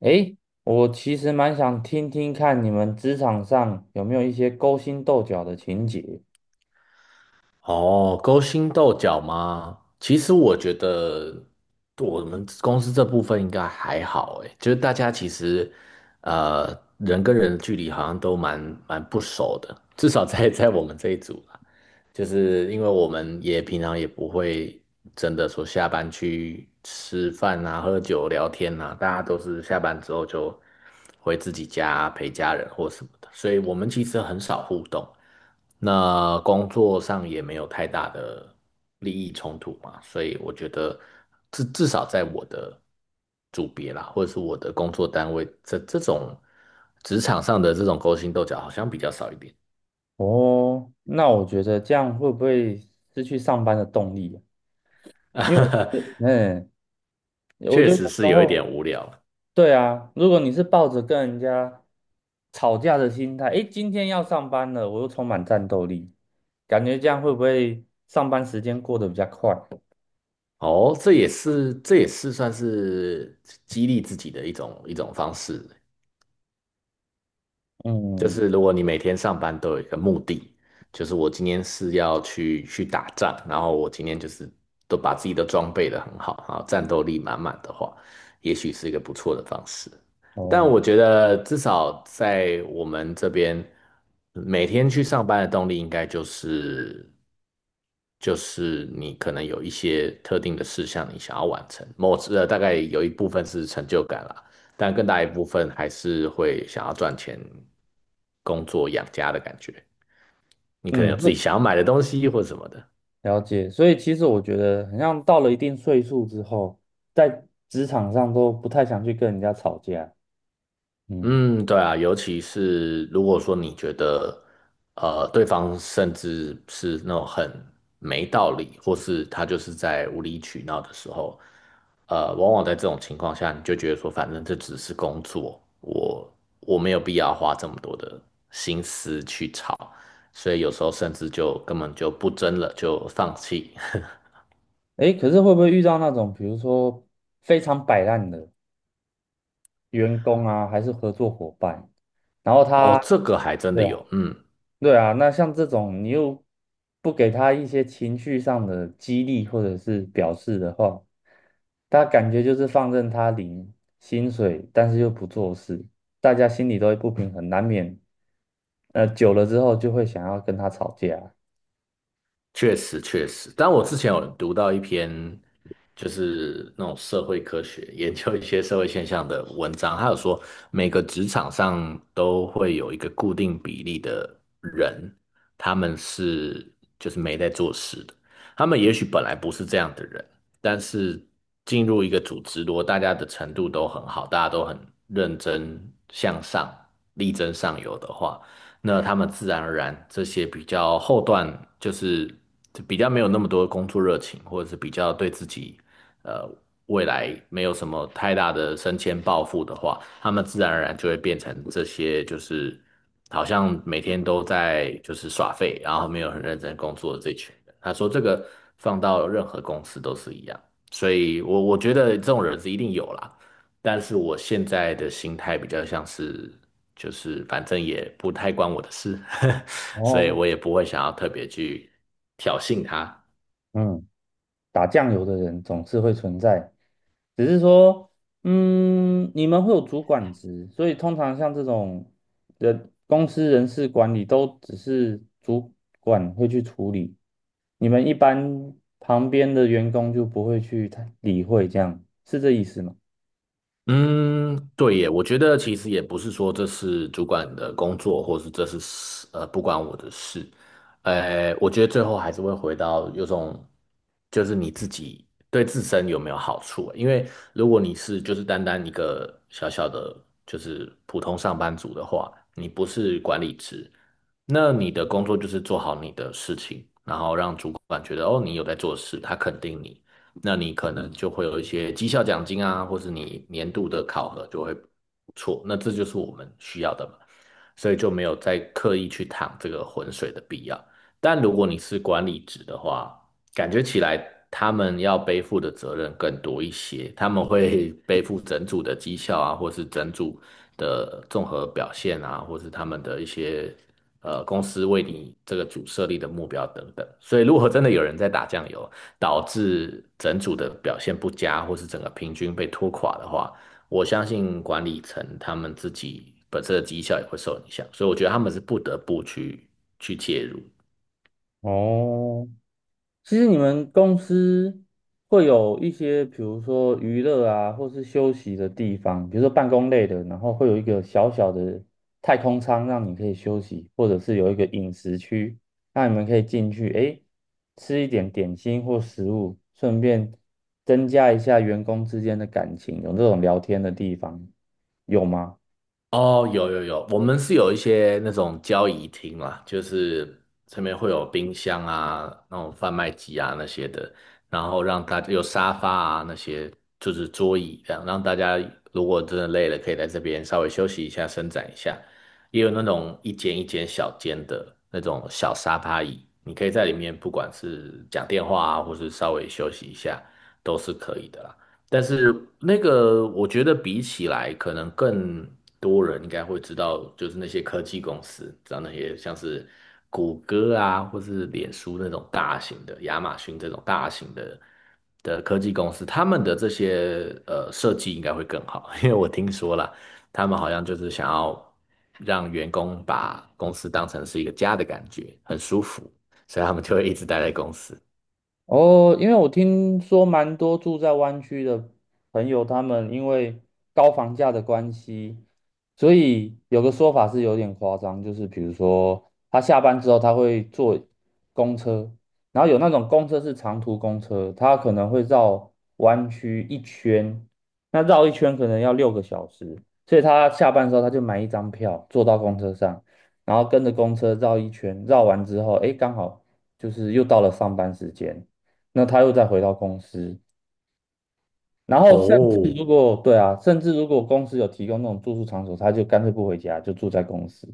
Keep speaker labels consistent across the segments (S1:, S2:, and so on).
S1: 诶，我其实蛮想听听看你们职场上有没有一些勾心斗角的情节
S2: 哦，勾心斗角吗？其实我觉得我们公司这部分应该还好，诶，就是大家其实呃人跟人的距离好像都蛮不熟的，至少在我们这一组就是因为我们也平常也不会真的说下班去吃饭啊、喝酒、聊天啊，大家都是下班之后就回自己家陪家人或什么的，所以我们其实很少互动。那工作上也没有太大的利益冲突嘛，所以我觉得至少在我的组别啦，或者是我的工作单位，这种职场上的这种勾心斗角好像比较少一点。
S1: 哦。那我觉得这样会不会失去上班的动力啊？因为我 是我
S2: 确
S1: 觉
S2: 实
S1: 得
S2: 是
S1: 然
S2: 有一
S1: 后，
S2: 点无聊。
S1: 对啊，如果你是抱着跟人家吵架的心态，诶，今天要上班了，我又充满战斗力，感觉这样会不会上班时间过得比较快？
S2: 哦，这也是算是激励自己的一种方式。就
S1: 嗯，
S2: 是如果你每天上班都有一个目的，就是我今天是要去打仗，然后我今天就是都把自己的装备的很好，然后战斗力满满的话，也许是一个不错的方式。但
S1: 哦，
S2: 我觉得至少在我们这边，每天去上班的动力应该就是你可能有一些特定的事项你想要完成，大概有一部分是成就感啦。但更大一部分还是会想要赚钱、工作养家的感觉。你可能有
S1: 嗯，
S2: 自
S1: 会。
S2: 己想要买的东西或什么的。
S1: 了解，所以其实我觉得，好像到了一定岁数之后，在职场上都不太想去跟人家吵架。嗯，
S2: 嗯，对啊，尤其是如果说你觉得，对方甚至是那种很没道理，或是他就是在无理取闹的时候，往往在这种情况下，你就觉得说，反正这只是工作，我没有必要花这么多的心思去吵，所以有时候甚至就根本就不争了，就放弃。
S1: 诶，可是会不会遇到那种，比如说非常摆烂的员工啊，还是合作伙伴，然后
S2: 哦，
S1: 他，
S2: 这个还真的
S1: 对啊，
S2: 有，嗯。
S1: 对啊，那像这种你又不给他一些情绪上的激励或者是表示的话，他感觉就是放任他领薪水，但是又不做事，大家心里都会不平衡，难免久了之后就会想要跟他吵架。
S2: 确实确实，但我之前有读到一篇，就是那种社会科学 研究一些社会现象的文章，他有说每个职场上都会有一个固定比例的人，他们是就是没在做事的，他们也许本来不是这样的人，但是进入一个组织，如果大家的程度都很好，大家都很认真向上、力争上游的话。那他们自然而然这些比较后段就是比较没有那么多工作热情，或者是比较对自己呃未来没有什么太大的升迁抱负的话，他们自然而然就会变成这些就是好像每天都在就是耍废，然后没有很认真工作的这群人。他说这个放到任何公司都是一样，所以我觉得这种人是一定有啦。但是我现在的心态比较像是，就是反正也不太关我的事，所以
S1: 哦，
S2: 我也不会想要特别去挑衅他。
S1: 嗯，打酱油的人总是会存在。只是说，你们会有主管职，所以通常像这种人公司人事管理都只是主管会去处理，你们一般旁边的员工就不会去太理会，这样是这意思吗？
S2: 嗯，对耶，我觉得其实也不是说这是主管的工作，或是这是事呃不关我的事，我觉得最后还是会回到有种就是你自己对自身有没有好处啊，因为如果你是就是单单一个小小的就是普通上班族的话，你不是管理职，那你的工作就是做好你的事情，然后让主管觉得哦你有在做事，他肯定你。那你可能就会有一些绩效奖金啊，或是你年度的考核就会不错。那这就是我们需要的嘛，所以就没有再刻意去趟这个浑水的必要。但如果你是管理职的话，感觉起来他们要背负的责任更多一些，他们会 背负整组的绩效啊，或是整组的综合表现啊，或是他们的一些公司为你这个组设立的目标等等。所以如果真的有人在打酱油，导致整组的表现不佳，或是整个平均被拖垮的话，我相信管理层他们自己本身的绩效也会受影响，所以我觉得他们是不得不去介入。
S1: 哦，其实你们公司会有一些，比如说娱乐啊，或是休息的地方，比如说办公类的，然后会有一个小小的太空舱让你可以休息，或者是有一个饮食区，让你们可以进去，诶，吃一点点心或食物，顺便增加一下员工之间的感情，有这种聊天的地方，有吗？
S2: 哦，有有有，我们是有一些那种交易厅啦，就是上面会有冰箱啊、那种贩卖机啊那些的，然后让大家有沙发啊那些，就是桌椅这样，让大家如果真的累了，可以在这边稍微休息一下、伸展一下。也有那种一间一间小间的那种小沙发椅，你可以在里面不管是讲电话啊，或是稍微休息一下，都是可以的啦。但是那个，我觉得比起来，可能更多人应该会知道，就是那些科技公司，知道那些像是谷歌啊，或是脸书那种大型的，亚马逊这种大型的科技公司，他们的这些设计应该会更好，因为我听说了，他们好像就是想要让员工把公司当成是一个家的感觉，很舒服，所以他们就会一直待在公司。
S1: 哦，因为我听说蛮多住在湾区的朋友，他们因为高房价的关系，所以有个说法是有点夸张，就是比如说他下班之后他会坐公车，然后有那种公车是长途公车，他可能会绕湾区一圈，那绕一圈可能要6个小时，所以他下班之后他就买一张票坐到公车上，然后跟着公车绕一圈，绕完之后，诶，刚好就是又到了上班时间。那他又再回到公司，然后甚至
S2: 哦，
S1: 如果对啊，甚至如果公司有提供那种住宿场所，他就干脆不回家，就住在公司。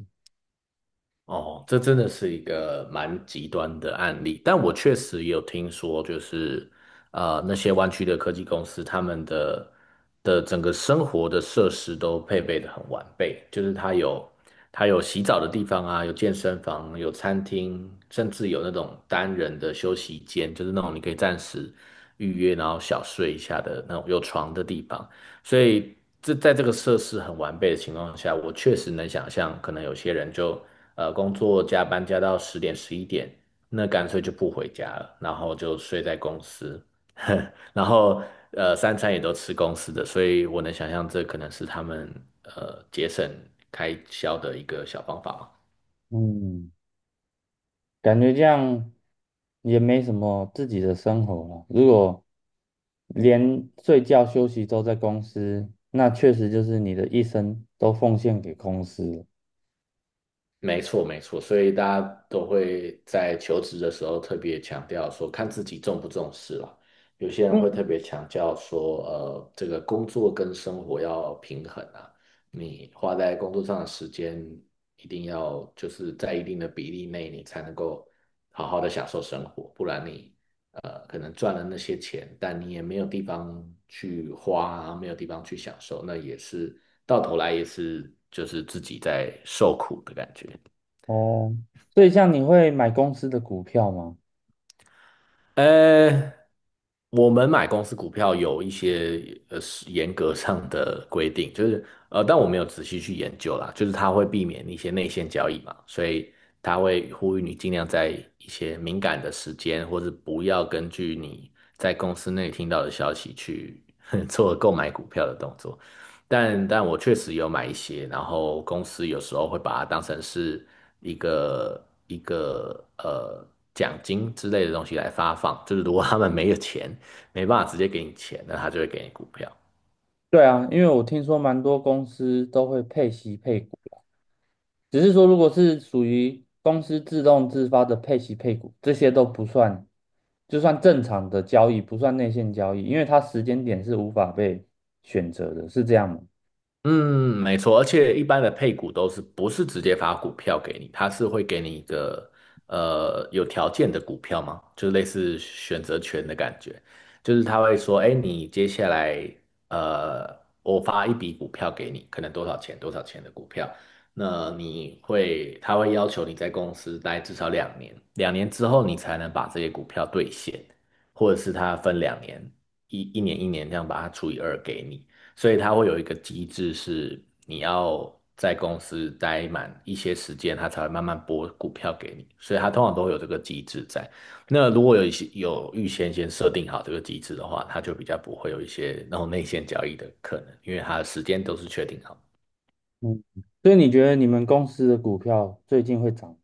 S2: 哦，这真的是一个蛮极端的案例，但我确实有听说，那些湾区的科技公司，他们的整个生活的设施都配备的很完备，就是它有洗澡的地方啊，有健身房，有餐厅，甚至有那种单人的休息间，就是那种你可以暂时预约，然后小睡一下的那种有床的地方。所以这在这个设施很完备的情况下，我确实能想象，可能有些人就工作加班加到10点11点，那干脆就不回家了，然后就睡在公司，然后三餐也都吃公司的，所以我能想象这可能是他们节省开销的一个小方法嘛。
S1: 嗯，感觉这样也没什么自己的生活了。如果连睡觉休息都在公司，那确实就是你的一生都奉献给公司了。
S2: 没错，没错，所以大家都会在求职的时候特别强调说，看自己重不重视了。有些人
S1: 嗯，
S2: 会特别强调说，这个工作跟生活要平衡啊，你花在工作上的时间一定要就是在一定的比例内，你才能够好好的享受生活，不然你可能赚了那些钱，但你也没有地方去花啊没有地方去享受，那也是到头来也是就是自己在受苦的感觉。
S1: 哦，所以像你会买公司的股票吗？
S2: 呃，我们买公司股票有一些是严格上的规定，就是但我没有仔细去研究啦，就是它会避免一些内线交易嘛，所以它会呼吁你尽量在一些敏感的时间，或是不要根据你在公司内听到的消息去 做购买股票的动作。但我确实有买一些，然后公司有时候会把它当成是一个奖金之类的东西来发放，就是如果他们没有钱，没办法直接给你钱，那他就会给你股票。
S1: 对啊，因为我听说蛮多公司都会配息配股。只是说如果是属于公司自动自发的配息配股，这些都不算，就算正常的交易，不算内线交易，因为它时间点是无法被选择的，是这样吗？
S2: 嗯，没错，而且一般的配股都是不是直接发股票给你，它是会给你一个有条件的股票嘛，就是类似选择权的感觉，就是他会说，哎，你接下来呃，我发一笔股票给你，可能多少钱多少钱的股票，那你会他会要求你在公司待至少两年，两年之后你才能把这些股票兑现，或者是他分两年，一年一年这样把它除以2给你。所以它会有一个机制，是你要在公司待满一些时间，它才会慢慢拨股票给你。所以它通常都会有这个机制在。那如果有一些有预先设定好这个机制的话，它就比较不会有一些那种内线交易的可能，因为它的时间都是确定好。
S1: 嗯，所以你觉得你们公司的股票最近会涨？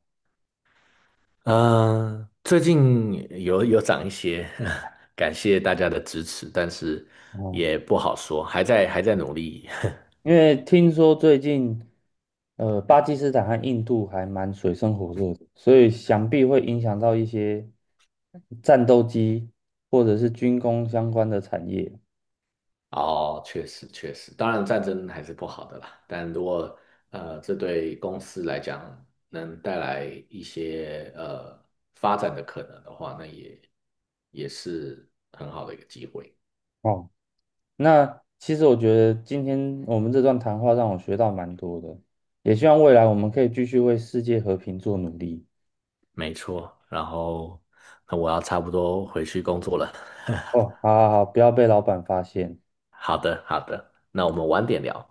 S2: 嗯、最近有涨一些，感谢大家的支持，但是
S1: 哦，
S2: 也不好说，还在努力。
S1: 因为听说最近，巴基斯坦和印度还蛮水深火热的，所以想必会影响到一些战斗机或者是军工相关的产业。
S2: 哦，确实确实，当然战争还是不好的啦。但如果这对公司来讲能带来一些发展的可能的话，那也是很好的一个机会。
S1: 哦。那其实我觉得今天我们这段谈话让我学到蛮多的，也希望未来我们可以继续为世界和平做努力。
S2: 没错，然后那我要差不多回去工作了。
S1: 哦，好好好，不要被老板发现。
S2: 好的，好的，那我们晚点聊。